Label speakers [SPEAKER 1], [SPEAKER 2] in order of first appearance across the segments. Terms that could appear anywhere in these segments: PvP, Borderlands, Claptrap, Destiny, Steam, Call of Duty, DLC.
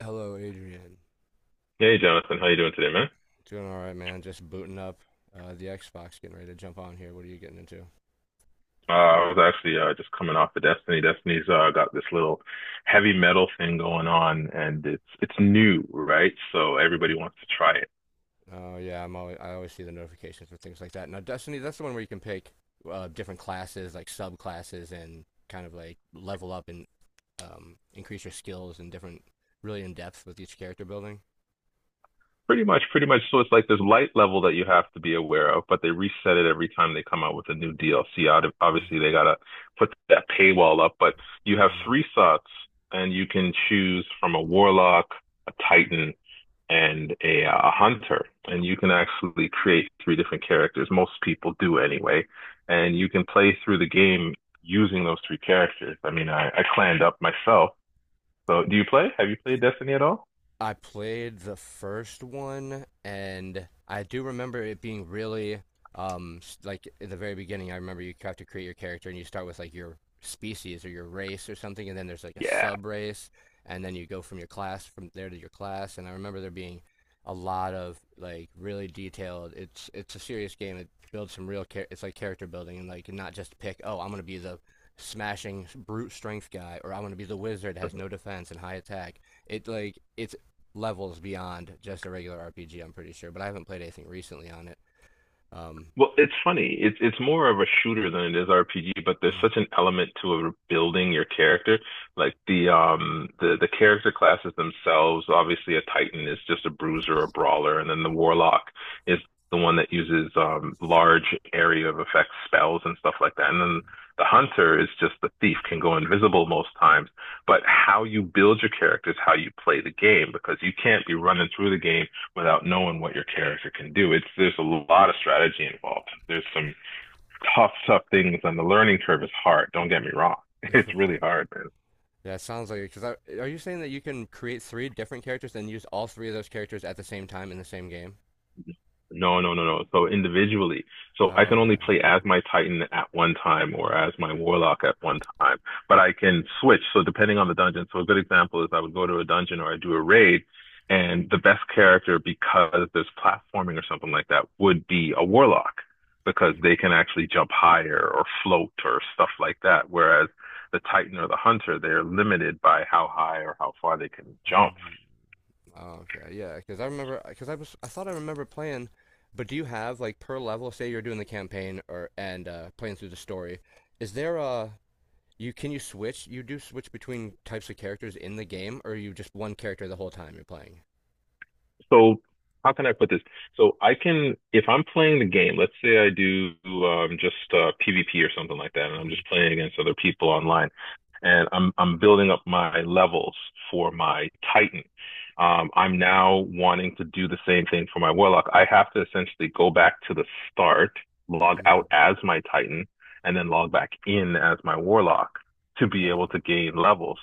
[SPEAKER 1] Hello, Adrian.
[SPEAKER 2] Hey, Jonathan, how you doing today, man?
[SPEAKER 1] Doing all right, man. Just booting up the Xbox, getting ready to jump on here. What are you getting into?
[SPEAKER 2] Uh, I was actually just coming off of Destiny. Destiny's got this little heavy metal thing going on, and it's new, right? So
[SPEAKER 1] Bro.
[SPEAKER 2] everybody wants to try it.
[SPEAKER 1] Oh yeah, I always see the notifications for things like that. Now, Destiny, that's the one where you can pick different classes, like subclasses, and kind of like level up and increase your skills and different, really in depth with each character building.
[SPEAKER 2] Pretty much, pretty much. So it's like this light level that you have to be aware of, but they reset it every time they come out with a new DLC. Out of,
[SPEAKER 1] Mm,
[SPEAKER 2] obviously they gotta put that paywall up, but you have
[SPEAKER 1] mm.
[SPEAKER 2] three slots, and you can choose from a warlock, a titan, and a hunter, and you can actually create three different characters. Most people do anyway, and you can play through the game using those three characters. I mean, I clanned up myself. So, do you play? Have you played Destiny at all?
[SPEAKER 1] I played the first one, and I do remember it being really like in the very beginning. I remember you have to create your character, and you start with like your species or your race or something, and then there's like a
[SPEAKER 2] Yeah.
[SPEAKER 1] sub race, and then you go from your class from there to your class. And I remember there being a lot of like really detailed. It's a serious game. It builds some real it's like character building, and like not just pick. Oh, I'm gonna be the smashing brute strength guy, or I'm gonna be the wizard has no defense and high attack it like it's levels beyond just a regular RPG. I'm pretty sure, but I haven't played anything recently on it. Um,
[SPEAKER 2] Well, it's funny. It's more of a shooter than it is RPG, but there's such an element to a building your character. Like the character classes themselves, obviously a Titan is just a bruiser or brawler, and then the Warlock is the one that uses large area of effect spells and stuff like that. And then the Hunter is just the thief, can go invisible most times. But how you build your character is how you play the game because you can't be running through the game without knowing what your character can do. It's there's a lot of strategy involved. There's some tough, tough things, and the learning curve is hard. Don't get me wrong; it's really hard, man.
[SPEAKER 1] that sounds like it. Because are you saying that you can create three different characters and use all three of those characters at the same time in the same game?
[SPEAKER 2] No, no, no, no. So individually. So I
[SPEAKER 1] Oh,
[SPEAKER 2] can only
[SPEAKER 1] okay.
[SPEAKER 2] play as my Titan at one time or as my Warlock at one time, but I can switch. So depending on the dungeon. So a good example is I would go to a dungeon or I do a raid and the best character because there's platforming or something like that would be a Warlock because they can actually jump higher or float or stuff like that. Whereas the Titan or the Hunter, they're limited by how high or how far they can jump.
[SPEAKER 1] Mm, Okay, yeah. Because I remember, because I thought I remember playing. But do you have like per level? Say you're doing the campaign or and playing through the story. Is there a you can you switch? You do switch between types of characters in the game, or are you just one character the whole time you're playing?
[SPEAKER 2] So how can I put this? So I can, if I'm playing the game, let's say I do just PvP or something like that, and I'm
[SPEAKER 1] Mm-hmm.
[SPEAKER 2] just playing against other people online, and I'm building up my levels for my Titan. I'm now wanting to do the same thing for my Warlock. I have to essentially go back to the start, log out
[SPEAKER 1] Mm.
[SPEAKER 2] as my Titan, and then log back in as my Warlock to be
[SPEAKER 1] Uh,
[SPEAKER 2] able to gain levels.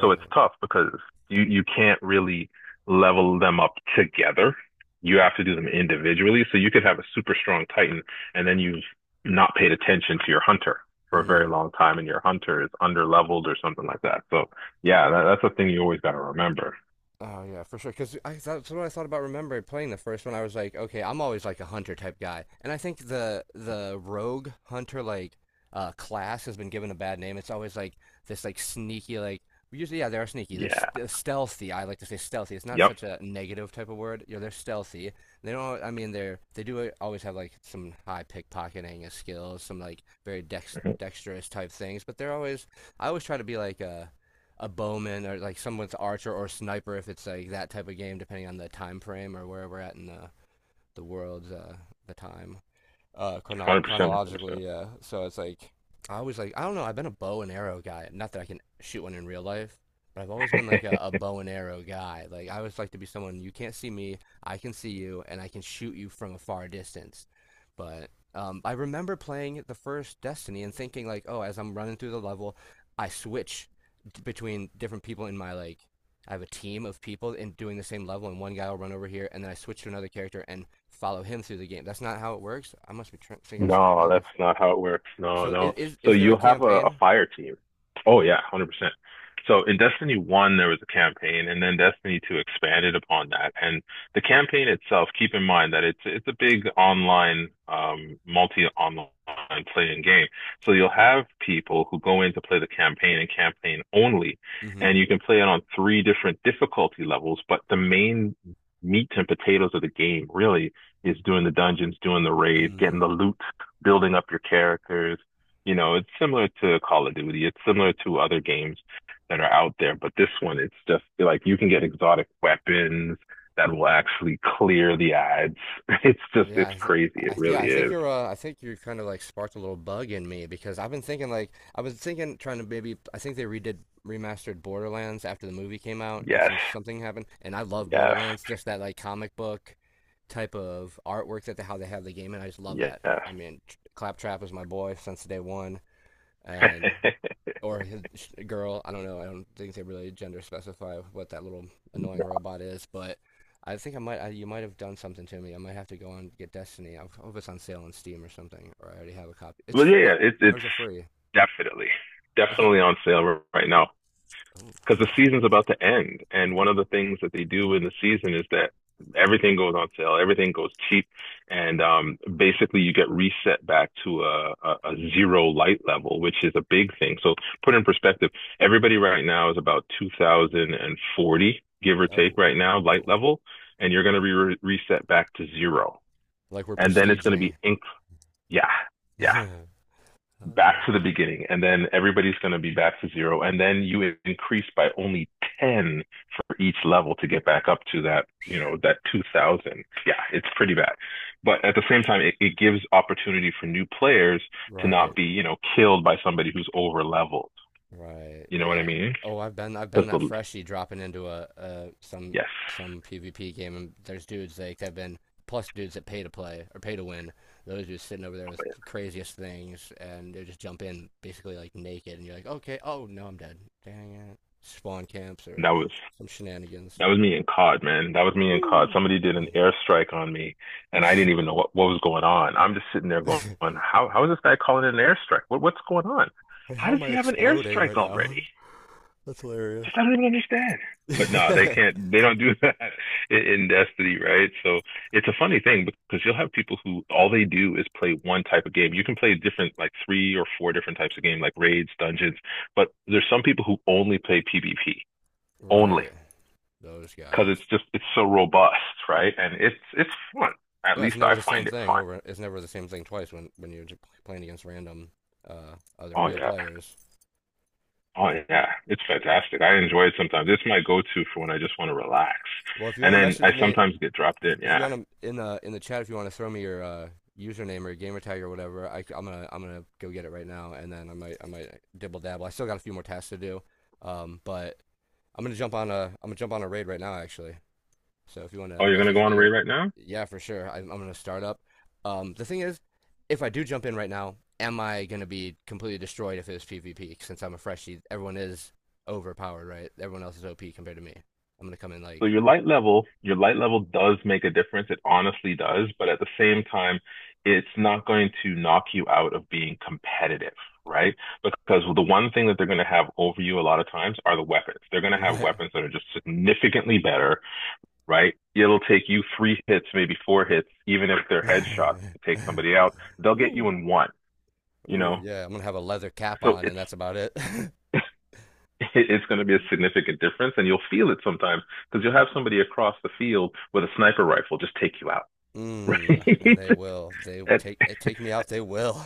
[SPEAKER 2] So it's tough because you can't really level them up together. You have to do them individually. So you could have a super strong Titan and then you've not paid attention to your hunter for a
[SPEAKER 1] Mm.
[SPEAKER 2] very long time and your hunter is under leveled or something like that. So yeah, that's a thing you always got to remember.
[SPEAKER 1] Oh yeah, for sure. Because I that's what I thought about. Remember playing the first one, I was like, okay, I'm always like a hunter type guy, and I think the rogue hunter like class has been given a bad name. It's always like this like sneaky like usually yeah they are sneaky. They're
[SPEAKER 2] Yeah.
[SPEAKER 1] st stealthy. I like to say stealthy. It's not
[SPEAKER 2] Yep.
[SPEAKER 1] such a negative type of word. You know, they're stealthy. They don't. I mean, they do always have like some high pickpocketing skills, some like very
[SPEAKER 2] 100%.
[SPEAKER 1] dexterous type things, but they're always. I always try to be like a bowman or like someone's archer or sniper if it's like that type of game, depending on the time frame or where we're at in the world's the time
[SPEAKER 2] 100%.
[SPEAKER 1] chronologically. Yeah, so it's like I always like I don't know. I've been a bow and arrow guy. Not that I can shoot one in real life, but I've always been like a bow and arrow guy. Like I always like to be someone you can't see me, I can see you, and I can shoot you from a far distance. But I remember playing the first Destiny and thinking like, oh, as I'm running through the level, I switch between different people in my like. I have a team of people and doing the same level, and one guy will run over here, and then I switch to another character, and follow him through the game. That's not how it works. I must be tr thinking of something
[SPEAKER 2] No, that's
[SPEAKER 1] else.
[SPEAKER 2] not how it works. No,
[SPEAKER 1] So
[SPEAKER 2] no. So
[SPEAKER 1] is there a
[SPEAKER 2] you have a
[SPEAKER 1] campaign?
[SPEAKER 2] fire team. Oh yeah, 100%. So in Destiny 1, there was a campaign, and then Destiny 2 expanded upon that. And the campaign itself, keep in mind that it's a big online, multi-online playing game. So you'll have people who go in to play the campaign and campaign only, and
[SPEAKER 1] Mm-hmm.
[SPEAKER 2] you can play it on three different difficulty levels, but the main meat and potatoes of the game really is doing the dungeons, doing the raids, getting
[SPEAKER 1] Mm-hmm.
[SPEAKER 2] the loot, building up your characters. You know, it's similar to Call of Duty. It's similar to other games that are out there, but this one, it's just like you can get exotic weapons that will actually clear the ads. It's just,
[SPEAKER 1] Yeah,
[SPEAKER 2] it's
[SPEAKER 1] I th
[SPEAKER 2] crazy. It
[SPEAKER 1] yeah,
[SPEAKER 2] really
[SPEAKER 1] I think
[SPEAKER 2] is.
[SPEAKER 1] you're I think you kind of like sparked a little bug in me because I've been thinking like I was thinking trying to maybe I think they redid remastered Borderlands after the movie came out and
[SPEAKER 2] Yes,
[SPEAKER 1] something happened and I love
[SPEAKER 2] yes,
[SPEAKER 1] Borderlands just that like comic book type of artwork that they, how they have the game and I just love that.
[SPEAKER 2] yes.
[SPEAKER 1] I mean, Claptrap is my boy since day one and or his girl. I don't know. I don't think they really gender specify what that little annoying robot is, but I think I might. You might have done something to me. I might have to go and get Destiny. I hope it's on sale on Steam or something, or I already have a copy. It's
[SPEAKER 2] Well, yeah,
[SPEAKER 1] free. It's,
[SPEAKER 2] yeah, it's
[SPEAKER 1] There's
[SPEAKER 2] it's
[SPEAKER 1] a free?
[SPEAKER 2] definitely,
[SPEAKER 1] It's not.
[SPEAKER 2] definitely on sale right now.
[SPEAKER 1] Oh,
[SPEAKER 2] Because the
[SPEAKER 1] nice.
[SPEAKER 2] season's about to end. And one of the things that they do in the season is that everything goes on sale, everything goes cheap, and basically you get reset back to a zero light level, which is a big thing. So put in perspective, everybody right now is about 2040, give or take,
[SPEAKER 1] Low,
[SPEAKER 2] right now light
[SPEAKER 1] low.
[SPEAKER 2] level, and you're going to be reset back to zero,
[SPEAKER 1] Like we're
[SPEAKER 2] and then it's going to be
[SPEAKER 1] prestiging.
[SPEAKER 2] yeah, yeah
[SPEAKER 1] oh, that
[SPEAKER 2] back
[SPEAKER 1] old
[SPEAKER 2] to the
[SPEAKER 1] bit.
[SPEAKER 2] beginning, and then everybody's going to be back to zero, and then you increase by only 10 for each level to get back up to that, you know, that 2000. Yeah, it's pretty bad. But at the same time, it gives opportunity for new players to not
[SPEAKER 1] Right.
[SPEAKER 2] be, you know, killed by somebody who's over leveled.
[SPEAKER 1] Right,
[SPEAKER 2] You know what I
[SPEAKER 1] yeah.
[SPEAKER 2] mean?
[SPEAKER 1] Oh, I've been
[SPEAKER 2] That's
[SPEAKER 1] that
[SPEAKER 2] the,
[SPEAKER 1] freshie dropping into a
[SPEAKER 2] yes.
[SPEAKER 1] some PvP game and there's dudes like that have been plus dudes that pay to play or pay to win. Those dudes sitting over there with the craziest things and they just jump in basically like naked and you're like, "Okay, oh no, I'm dead." Dang it. Spawn camps or
[SPEAKER 2] That was
[SPEAKER 1] some shenanigans.
[SPEAKER 2] That was me in COD, man. That was me in COD.
[SPEAKER 1] Woo.
[SPEAKER 2] Somebody did an airstrike on me, and I didn't even know what was going on. I'm just sitting there going, how is this guy calling it an airstrike? What's going on?
[SPEAKER 1] And
[SPEAKER 2] How
[SPEAKER 1] how
[SPEAKER 2] does
[SPEAKER 1] am I
[SPEAKER 2] he have an
[SPEAKER 1] exploding
[SPEAKER 2] airstrike
[SPEAKER 1] right now?
[SPEAKER 2] already?
[SPEAKER 1] That's hilarious.
[SPEAKER 2] Just I don't even understand. But no, they can't. They don't do that in Destiny, right? So it's a funny thing because you'll have people who all they do is play one type of game. You can play different, like three or four different types of game, like raids, dungeons. But there's some people who only play PvP, only
[SPEAKER 1] Right. Those
[SPEAKER 2] because it's
[SPEAKER 1] guys.
[SPEAKER 2] just it's so robust, right? And it's fun. At
[SPEAKER 1] No, it's
[SPEAKER 2] least
[SPEAKER 1] never
[SPEAKER 2] I
[SPEAKER 1] the same
[SPEAKER 2] find it
[SPEAKER 1] thing
[SPEAKER 2] fun.
[SPEAKER 1] over. It's never the same thing twice when you're playing against random other
[SPEAKER 2] Oh
[SPEAKER 1] real
[SPEAKER 2] yeah,
[SPEAKER 1] players.
[SPEAKER 2] oh yeah, it's fantastic. I enjoy it sometimes. It's my go-to for when I just want to relax.
[SPEAKER 1] Well, if you
[SPEAKER 2] And
[SPEAKER 1] want to
[SPEAKER 2] then I
[SPEAKER 1] message me,
[SPEAKER 2] sometimes get dropped in.
[SPEAKER 1] if you
[SPEAKER 2] Yeah.
[SPEAKER 1] want to in the chat, if you want to throw me your username or your gamer tag or whatever, I'm gonna go get it right now, and then I might dibble dabble. I still got a few more tasks to do, but I'm gonna jump on a raid right now actually. So if you want to
[SPEAKER 2] Oh, you're gonna go
[SPEAKER 1] message
[SPEAKER 2] on
[SPEAKER 1] me
[SPEAKER 2] a raid
[SPEAKER 1] or
[SPEAKER 2] right now?
[SPEAKER 1] yeah, for sure, I'm gonna start up. The thing is, if I do jump in right now, am I gonna be completely destroyed if it's PvP? Since I'm a freshie, everyone is overpowered, right? Everyone else is OP compared to me. I'm gonna come in like
[SPEAKER 2] So your light level does make a difference. It honestly does, but at the same time, it's not going to knock you out of being competitive, right? Because the one thing that they're going to have over you a lot of times are the weapons. They're going to have
[SPEAKER 1] right.
[SPEAKER 2] weapons that are just significantly better, right? It'll take you three hits, maybe four hits, even if they're headshots to take somebody out. They'll get you
[SPEAKER 1] Woo.
[SPEAKER 2] in one, you
[SPEAKER 1] Ooh,
[SPEAKER 2] know?
[SPEAKER 1] yeah, I'm gonna have a leather cap
[SPEAKER 2] So
[SPEAKER 1] on,
[SPEAKER 2] it's
[SPEAKER 1] and that's about it.
[SPEAKER 2] it's going to be a significant difference, and you'll feel it sometimes because you'll have somebody across the field with a sniper rifle just take you out,
[SPEAKER 1] Mm,
[SPEAKER 2] right?
[SPEAKER 1] and they will.
[SPEAKER 2] And
[SPEAKER 1] They take me out. They will.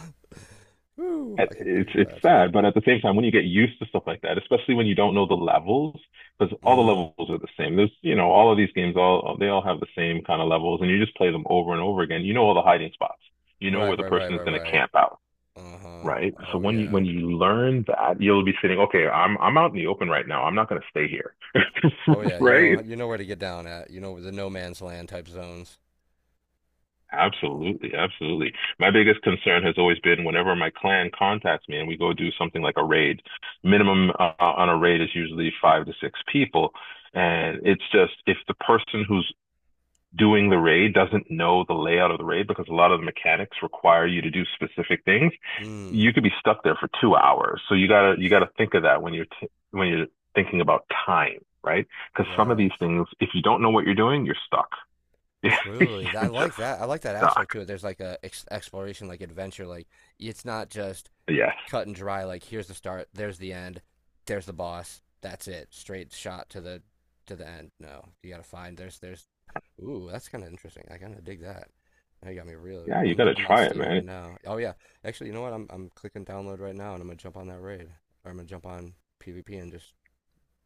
[SPEAKER 1] Woo, I
[SPEAKER 2] it's
[SPEAKER 1] can
[SPEAKER 2] it's
[SPEAKER 1] imagine.
[SPEAKER 2] sad, but at the same time, when you get used to stuff like that, especially when you don't know the levels, because all the
[SPEAKER 1] Mm,
[SPEAKER 2] levels are the same. There's, you know, all of these games, all they all have the same kind of levels, and you just play them over and over again. You know all the hiding spots. You know
[SPEAKER 1] right,
[SPEAKER 2] where the
[SPEAKER 1] right, right,
[SPEAKER 2] person is
[SPEAKER 1] right,
[SPEAKER 2] going to
[SPEAKER 1] right.
[SPEAKER 2] camp out,
[SPEAKER 1] Uh-huh.
[SPEAKER 2] right? So
[SPEAKER 1] Oh
[SPEAKER 2] when you
[SPEAKER 1] yeah.
[SPEAKER 2] when you learn that, you'll be sitting, okay, I'm out in the open right now. I'm not going to stay here,
[SPEAKER 1] Oh yeah.
[SPEAKER 2] right?
[SPEAKER 1] You know where to get down at. You know the no man's land type zones.
[SPEAKER 2] Absolutely, absolutely. My biggest concern has always been whenever my clan contacts me and we go do something like a raid, minimum on a raid is usually five to six people. And it's just if the person who's doing the raid doesn't know the layout of the raid, because a lot of the mechanics require you to do specific things,
[SPEAKER 1] Mm.
[SPEAKER 2] you could be stuck there for 2 hours. So you gotta think of that when you're t when you're thinking about time, right? Because some of these
[SPEAKER 1] Yes.
[SPEAKER 2] things, if you don't know what you're doing, you're stuck. You're
[SPEAKER 1] Truly. I
[SPEAKER 2] just
[SPEAKER 1] like that. I like that
[SPEAKER 2] stuck.
[SPEAKER 1] aspect to it. There's like a ex exploration, like adventure. Like it's not just
[SPEAKER 2] Yes.
[SPEAKER 1] cut and dry. Like here's the start. There's the end. There's the boss. That's it. Straight shot to the end. No, you gotta find. There's Ooh, that's kind of interesting. I kind of dig that. Now you got me really.
[SPEAKER 2] Yeah, you gotta
[SPEAKER 1] I'm on
[SPEAKER 2] try it,
[SPEAKER 1] Steam right
[SPEAKER 2] man.
[SPEAKER 1] now. Oh yeah, actually, you know what? I'm clicking download right now, and I'm gonna jump on that raid, or I'm gonna jump on PvP and just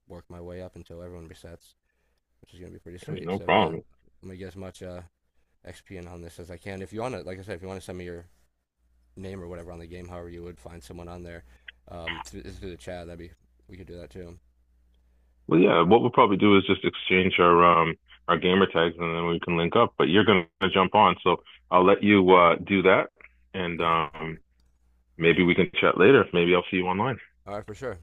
[SPEAKER 1] work my way up until everyone resets, which is gonna be pretty
[SPEAKER 2] Ain't
[SPEAKER 1] sweet.
[SPEAKER 2] no
[SPEAKER 1] So yeah,
[SPEAKER 2] problem.
[SPEAKER 1] I'm gonna get as much XP in on this as I can. If you wanna, like I said, if you wanna send me your name or whatever on the game, however you would find someone on there, through the chat, that'd be we could do that too.
[SPEAKER 2] Well, yeah, what we'll probably do is just exchange our gamer tags and then we can link up. But you're gonna jump on, so I'll let you do that and
[SPEAKER 1] All right, all
[SPEAKER 2] maybe
[SPEAKER 1] right,
[SPEAKER 2] we can chat later. Maybe I'll see you online.
[SPEAKER 1] all right for sure.